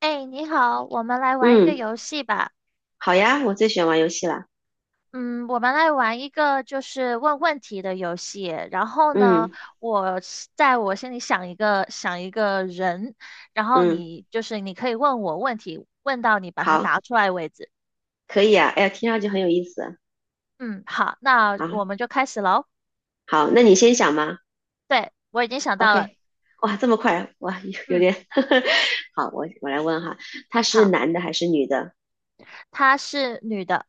哎，你好，我们来玩一个嗯，游戏吧。好呀，我最喜欢玩游戏了。嗯，我们来玩一个就是问问题的游戏。然后呢，嗯，我是在我心里想一个人，然后嗯，你就是你可以问我问题，问到你把它好，答出来为止。可以啊。哎呀，听上去很有意思啊。嗯，好，那好，我们就开始喽。好，那你先想嘛。对，我已经想到了。OK,哇，这么快，哇，有有嗯，点。好，我来问哈，他是好，男的还是女的她是女的，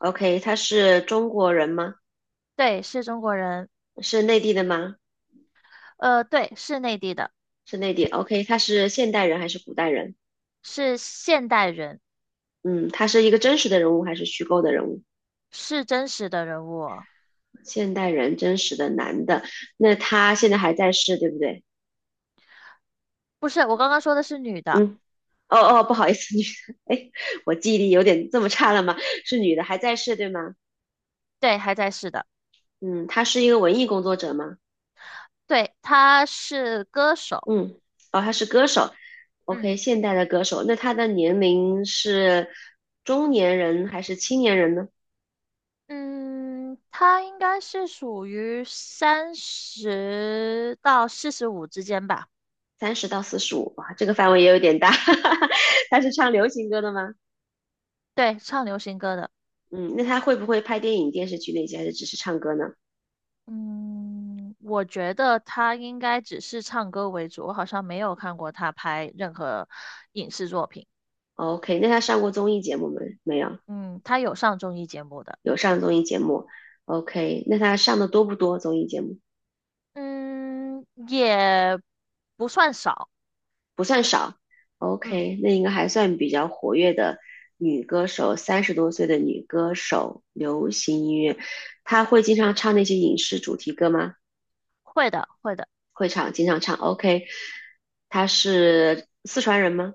？OK,他是中国人吗？对，是中国人，是内地的吗？对，是内地的，是内地。OK,他是现代人还是古代人？是现代人，嗯，他是一个真实的人物还是虚构的人物？是真实的人物哦现代人，真实的男的。那他现在还在世，对不对？不是，我刚刚说的是女的。嗯。哦，哦，不好意思，女的，哎，我记忆力有点这么差了吗？是女的，还在世，对吗？对，还在世的，嗯，她是一个文艺工作者吗？对，他是歌手，嗯，哦，她是歌手嗯，OK,现代的歌手，那她的年龄是中年人还是青年人呢？嗯，他应该是属于30到45之间吧，30到45，哇，这个范围也有点大。她是唱流行歌的吗？对，唱流行歌的，嗯，那她会不会拍电影、电视剧那些，还是只是唱歌呢嗯，我觉得他应该只是唱歌为主，我好像没有看过他拍任何影视作品，？OK,那她上过综艺节目没？没有，嗯，他有上综艺节目的，有上综艺节目。OK,那她上的多不多综艺节目？嗯，也不算少，不算少。嗯，OK,那应该还算比较活跃的女歌手，三十多岁的女歌手，流行音乐，她会经常唱那些影视主题歌吗？会的，会的。会唱，经常唱。OK,她是四川人吗？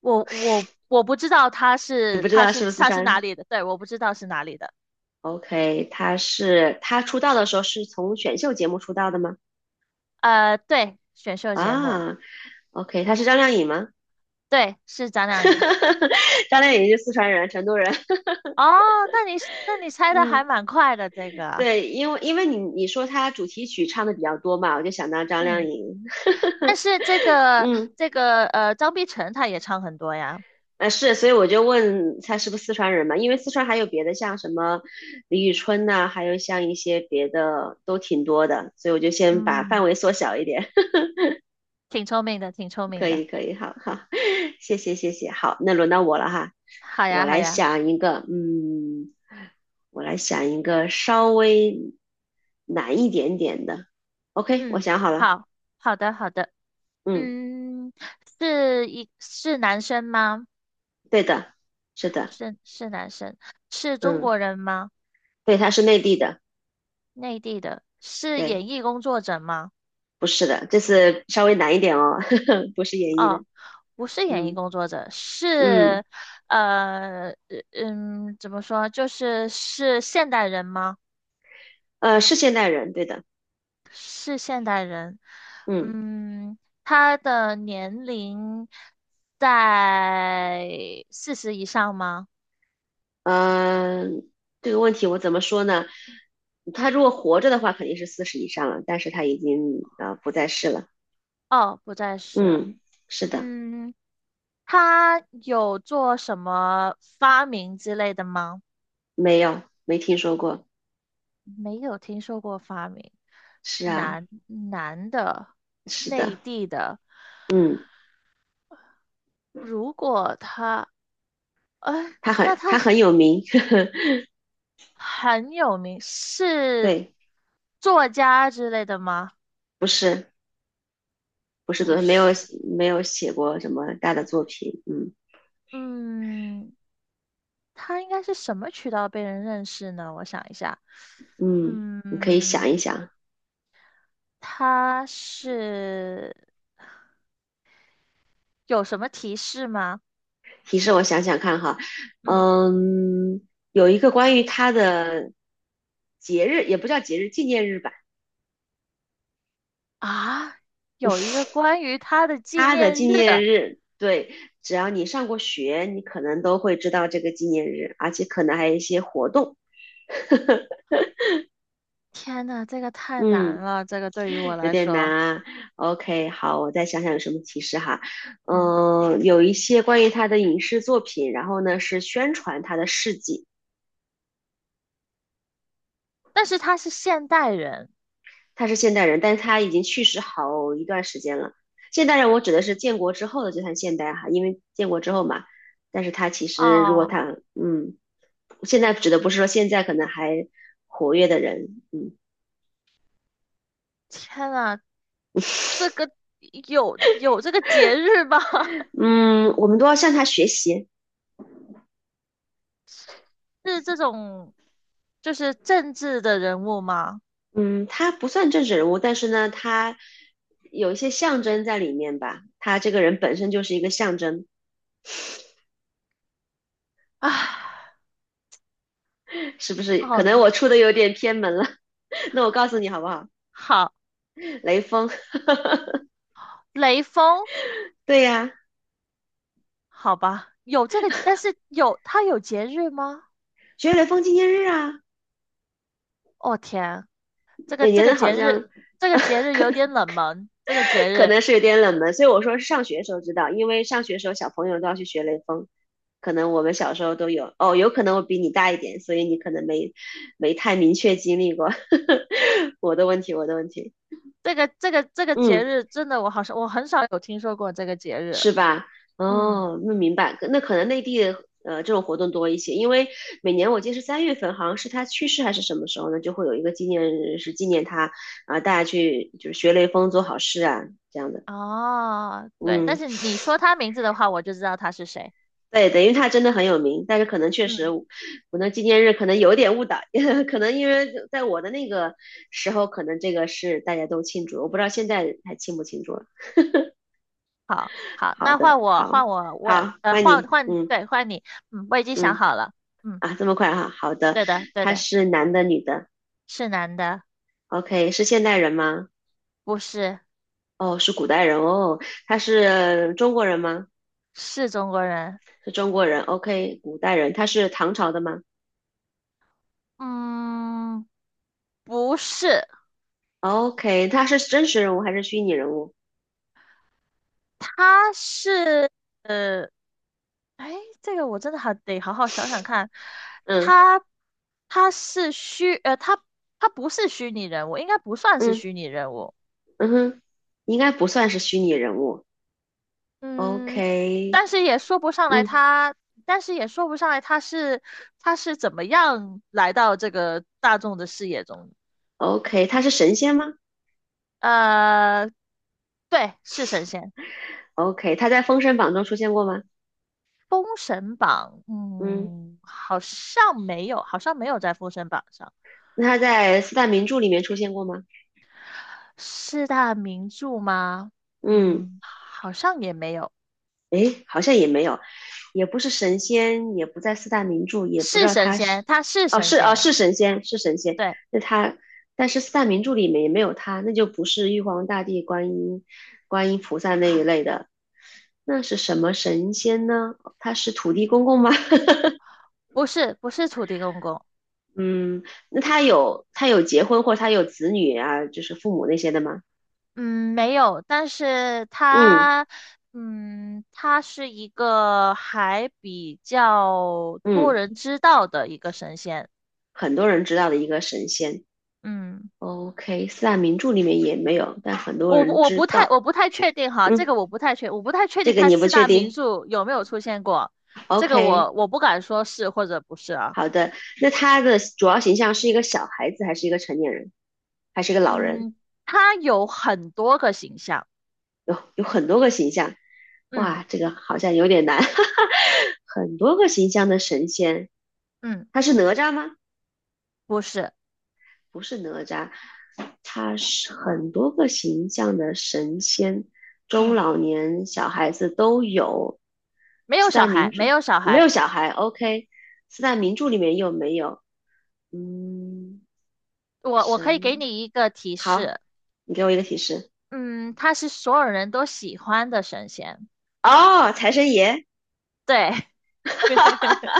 我不知道他你是不知他道是是不是四他是哪川里的，对，我不知道是哪里的。？OK,她出道的时候是从选秀节目出道的吗？对，选秀节目，啊，OK,她是张靓颖吗？对，是张靓颖。张靓颖是四川人，成都人。哦，那你那你 猜的嗯。还蛮快的这个啊，对，因为你说他主题曲唱的比较多嘛，我就想到张靓嗯，颖。但是这个嗯，这个张碧晨她也唱很多呀，呃是，所以我就问他是不是四川人嘛，因为四川还有别的，像什么李宇春呐、还有像一些别的都挺多的，所以我就先把范围嗯，缩小一点。挺聪明的，挺聪明可的。以，可以，好，好，谢谢，谢谢。好，那轮到我了哈，好我呀，好来呀，想一个，嗯，我来想一个稍微难一点点的。OK,我嗯，想好了，好，好的，好的，嗯，嗯，是男生吗？对的，是的，是男生，是中嗯，国人吗？对，他是内地的，内地的，是对，演艺工作者吗？不是的，这次稍微难一点哦，不是演绎哦，的，不是演艺嗯，工作者，嗯，是，呃，呃嗯，怎么说？就是是现代人吗？是现代人，对的，是现代人。嗯嗯，他的年龄在40以上吗？呃，这个问题我怎么说呢？他如果活着的话，肯定是四十以上了，但是他已经不在世了，哦，不再是了。嗯，是的，嗯，他有做什么发明之类的吗？没有，没听说过，没有听说过发明，是啊，男男的，是的，内地的，嗯，如果他，哎，他很那他他是很有名，很有名，是对，作家之类的吗？不是。不是不昨天没有是，没有写过什么大的作品，嗯，嗯，他应该是什么渠道被人认识呢？我想一下，嗯，你可以想一嗯，想，他是有什么提示吗？提示我想想看哈，嗯嗯，有一个关于他的节日，也不叫节日，纪念日吧，啊，有一个 关于他的纪他的念纪日。念日，对，只要你上过学，你可能都会知道这个纪念日，而且可能还有一些活动，天呐，这个太难嗯。了，这个对于我有来点难说，啊。OK,好，我再想想有什么提示哈。嗯，嗯，有一些关于他的影视作品，然后呢是宣传他的事迹。但是他是现代人他是现代人，但是他已经去世好一段时间了。现代人，我指的是建国之后的就算现代哈，因为建国之后嘛。但是他其实如果哦，他嗯，现在指的不是说现在可能还活跃的人，嗯，天呐，这个有这个节日吗？嗯，我们都要向他学习。是这种就是政治的人物吗？嗯，他不算政治人物，但是呢，他有一些象征在里面吧。他这个人本身就是一个象征，唉，是不是？可好能的，我出的有点偏门了，那我告诉你好不好？好，雷锋，雷锋，对呀，好吧，有这个，但是有他有节日吗？学雷锋纪念日啊，哦天，这个每这个年好节日，像 这个节日 有点冷门，这个节可日。能是有点冷门，所以我说是上学时候知道，因为上学时候小朋友都要去学雷锋，可能我们小时候都有。哦，有可能我比你大一点，所以你可能没太明确经历过。我的问题，我的问题，这个节嗯。日真的，我好像我很少有听说过这个节日。是吧？嗯，哦，那明白，那可能内地这种活动多一些，因为每年我记得是3月份，好像是他去世还是什么时候呢，就会有一个纪念日是纪念他啊、大家去就是学雷锋做好事啊这样的。哦，对，但嗯，是你说他名字的话，我就知道他是谁。对等于他真的很有名，但是可能确实嗯，我那纪念日可能有点误导，可能因为在我的那个时候，可能这个是大家都庆祝，我不知道现在还庆不庆祝了。好，好，好那的，换我，好，换我，我，好，欢迎换你，换，嗯，对，换你。嗯，我已经想嗯。好了。嗯，啊，这么快哈、好的，对的，对他的，是男的女的是男的，？OK,是现代人吗？不是，哦，是古代人哦。他是中国人吗？是中国人。是中国人。OK,古代人。他是唐朝的吗嗯，不是，？OK,他是真实人物还是虚拟人物？他是，呃。哎，这个我真的还得好好想想看。嗯，他他是虚，他他不是虚拟人物，应该不算是嗯，虚拟人物。嗯哼，应该不算是虚拟人物。嗯，但 OK,是也说不上来嗯他，但是也说不上来他是他是怎么样来到这个大众的视野中。，OK,他是神仙吗呃，对，是神仙。？OK,他在《封神榜》中出现过吗？封神榜，嗯，嗯，好像没有，好像没有在封神榜上。那他在四大名著里面出现过吗？四大名著吗？嗯，嗯，好像也没有。诶，好像也没有，也不是神仙，也不在四大名著，也不知是道神他是，仙，他是哦，神是哦，仙，是神仙，是神仙，对，那他，但是四大名著里面也没有他，那就不是玉皇大帝、观音、观音菩萨那一类的，那是什么神仙呢？他是土地公公吗？不是土地公公，嗯，那他有结婚或他有子女啊，就是父母那些的吗？嗯，没有。但是嗯，他，嗯，他是一个还比较多嗯，人知道的一个神仙。很多人知道的一个神仙。嗯，OK,四大名著里面也没有，但很多我不人我不知太道。我不太确定哈，这嗯，个我不太确这定个他你不四确大名定。著有没有出现过，这个 OK,我不敢说是或者不是啊。好的。那他的主要形象是一个小孩子，还是一个成年人，还是一个老人？嗯，他有很多个形象，有很多个形象。嗯哇，这个好像有点难。很多个形象的神仙，嗯他是哪吒吗？不是，不是哪吒，他是很多个形象的神仙，中嗯，老年小孩子都有。没有四小大名孩，没著有小没孩。有小孩，OK。四大名著里面有没有？嗯，我可以给神，你一个提好，示，你给我一个提示。嗯，他是所有人都喜欢的神仙。哦，财神爷。对，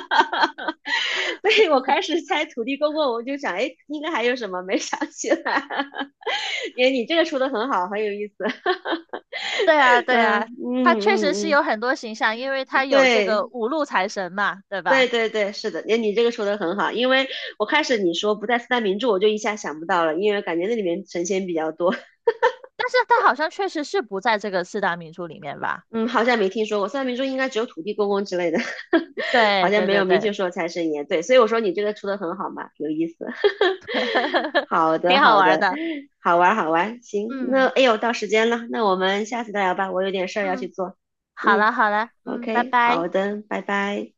对，我开始猜土地公公，我就想，哎，应该还有什么没想起来。你这个出的很好，很有意思。对啊，对嗯，啊，他确实嗯，是嗯，有很多形象，因为嗯，他有这对，个5路财神嘛，对吧？对，对，对，是的，你这个说的很好，因为我开始你说不在四大名著，我就一下想不到了，因为感觉那里面神仙比较多。但是他好像确实是不在这个四大名著里面吧？嗯，好像没听说过四大名著，应该只有土地公公之类的，对好像对没对有明确对，说财神爷。对，所以我说你这个出的很好嘛，有意思。好的，挺好好玩的，的。好玩，好玩，行，那嗯哎呦，到时间了，那我们下次再聊吧，我有点事儿要嗯，去做。好嗯了好了，嗯，拜，OK,拜。好的，拜拜。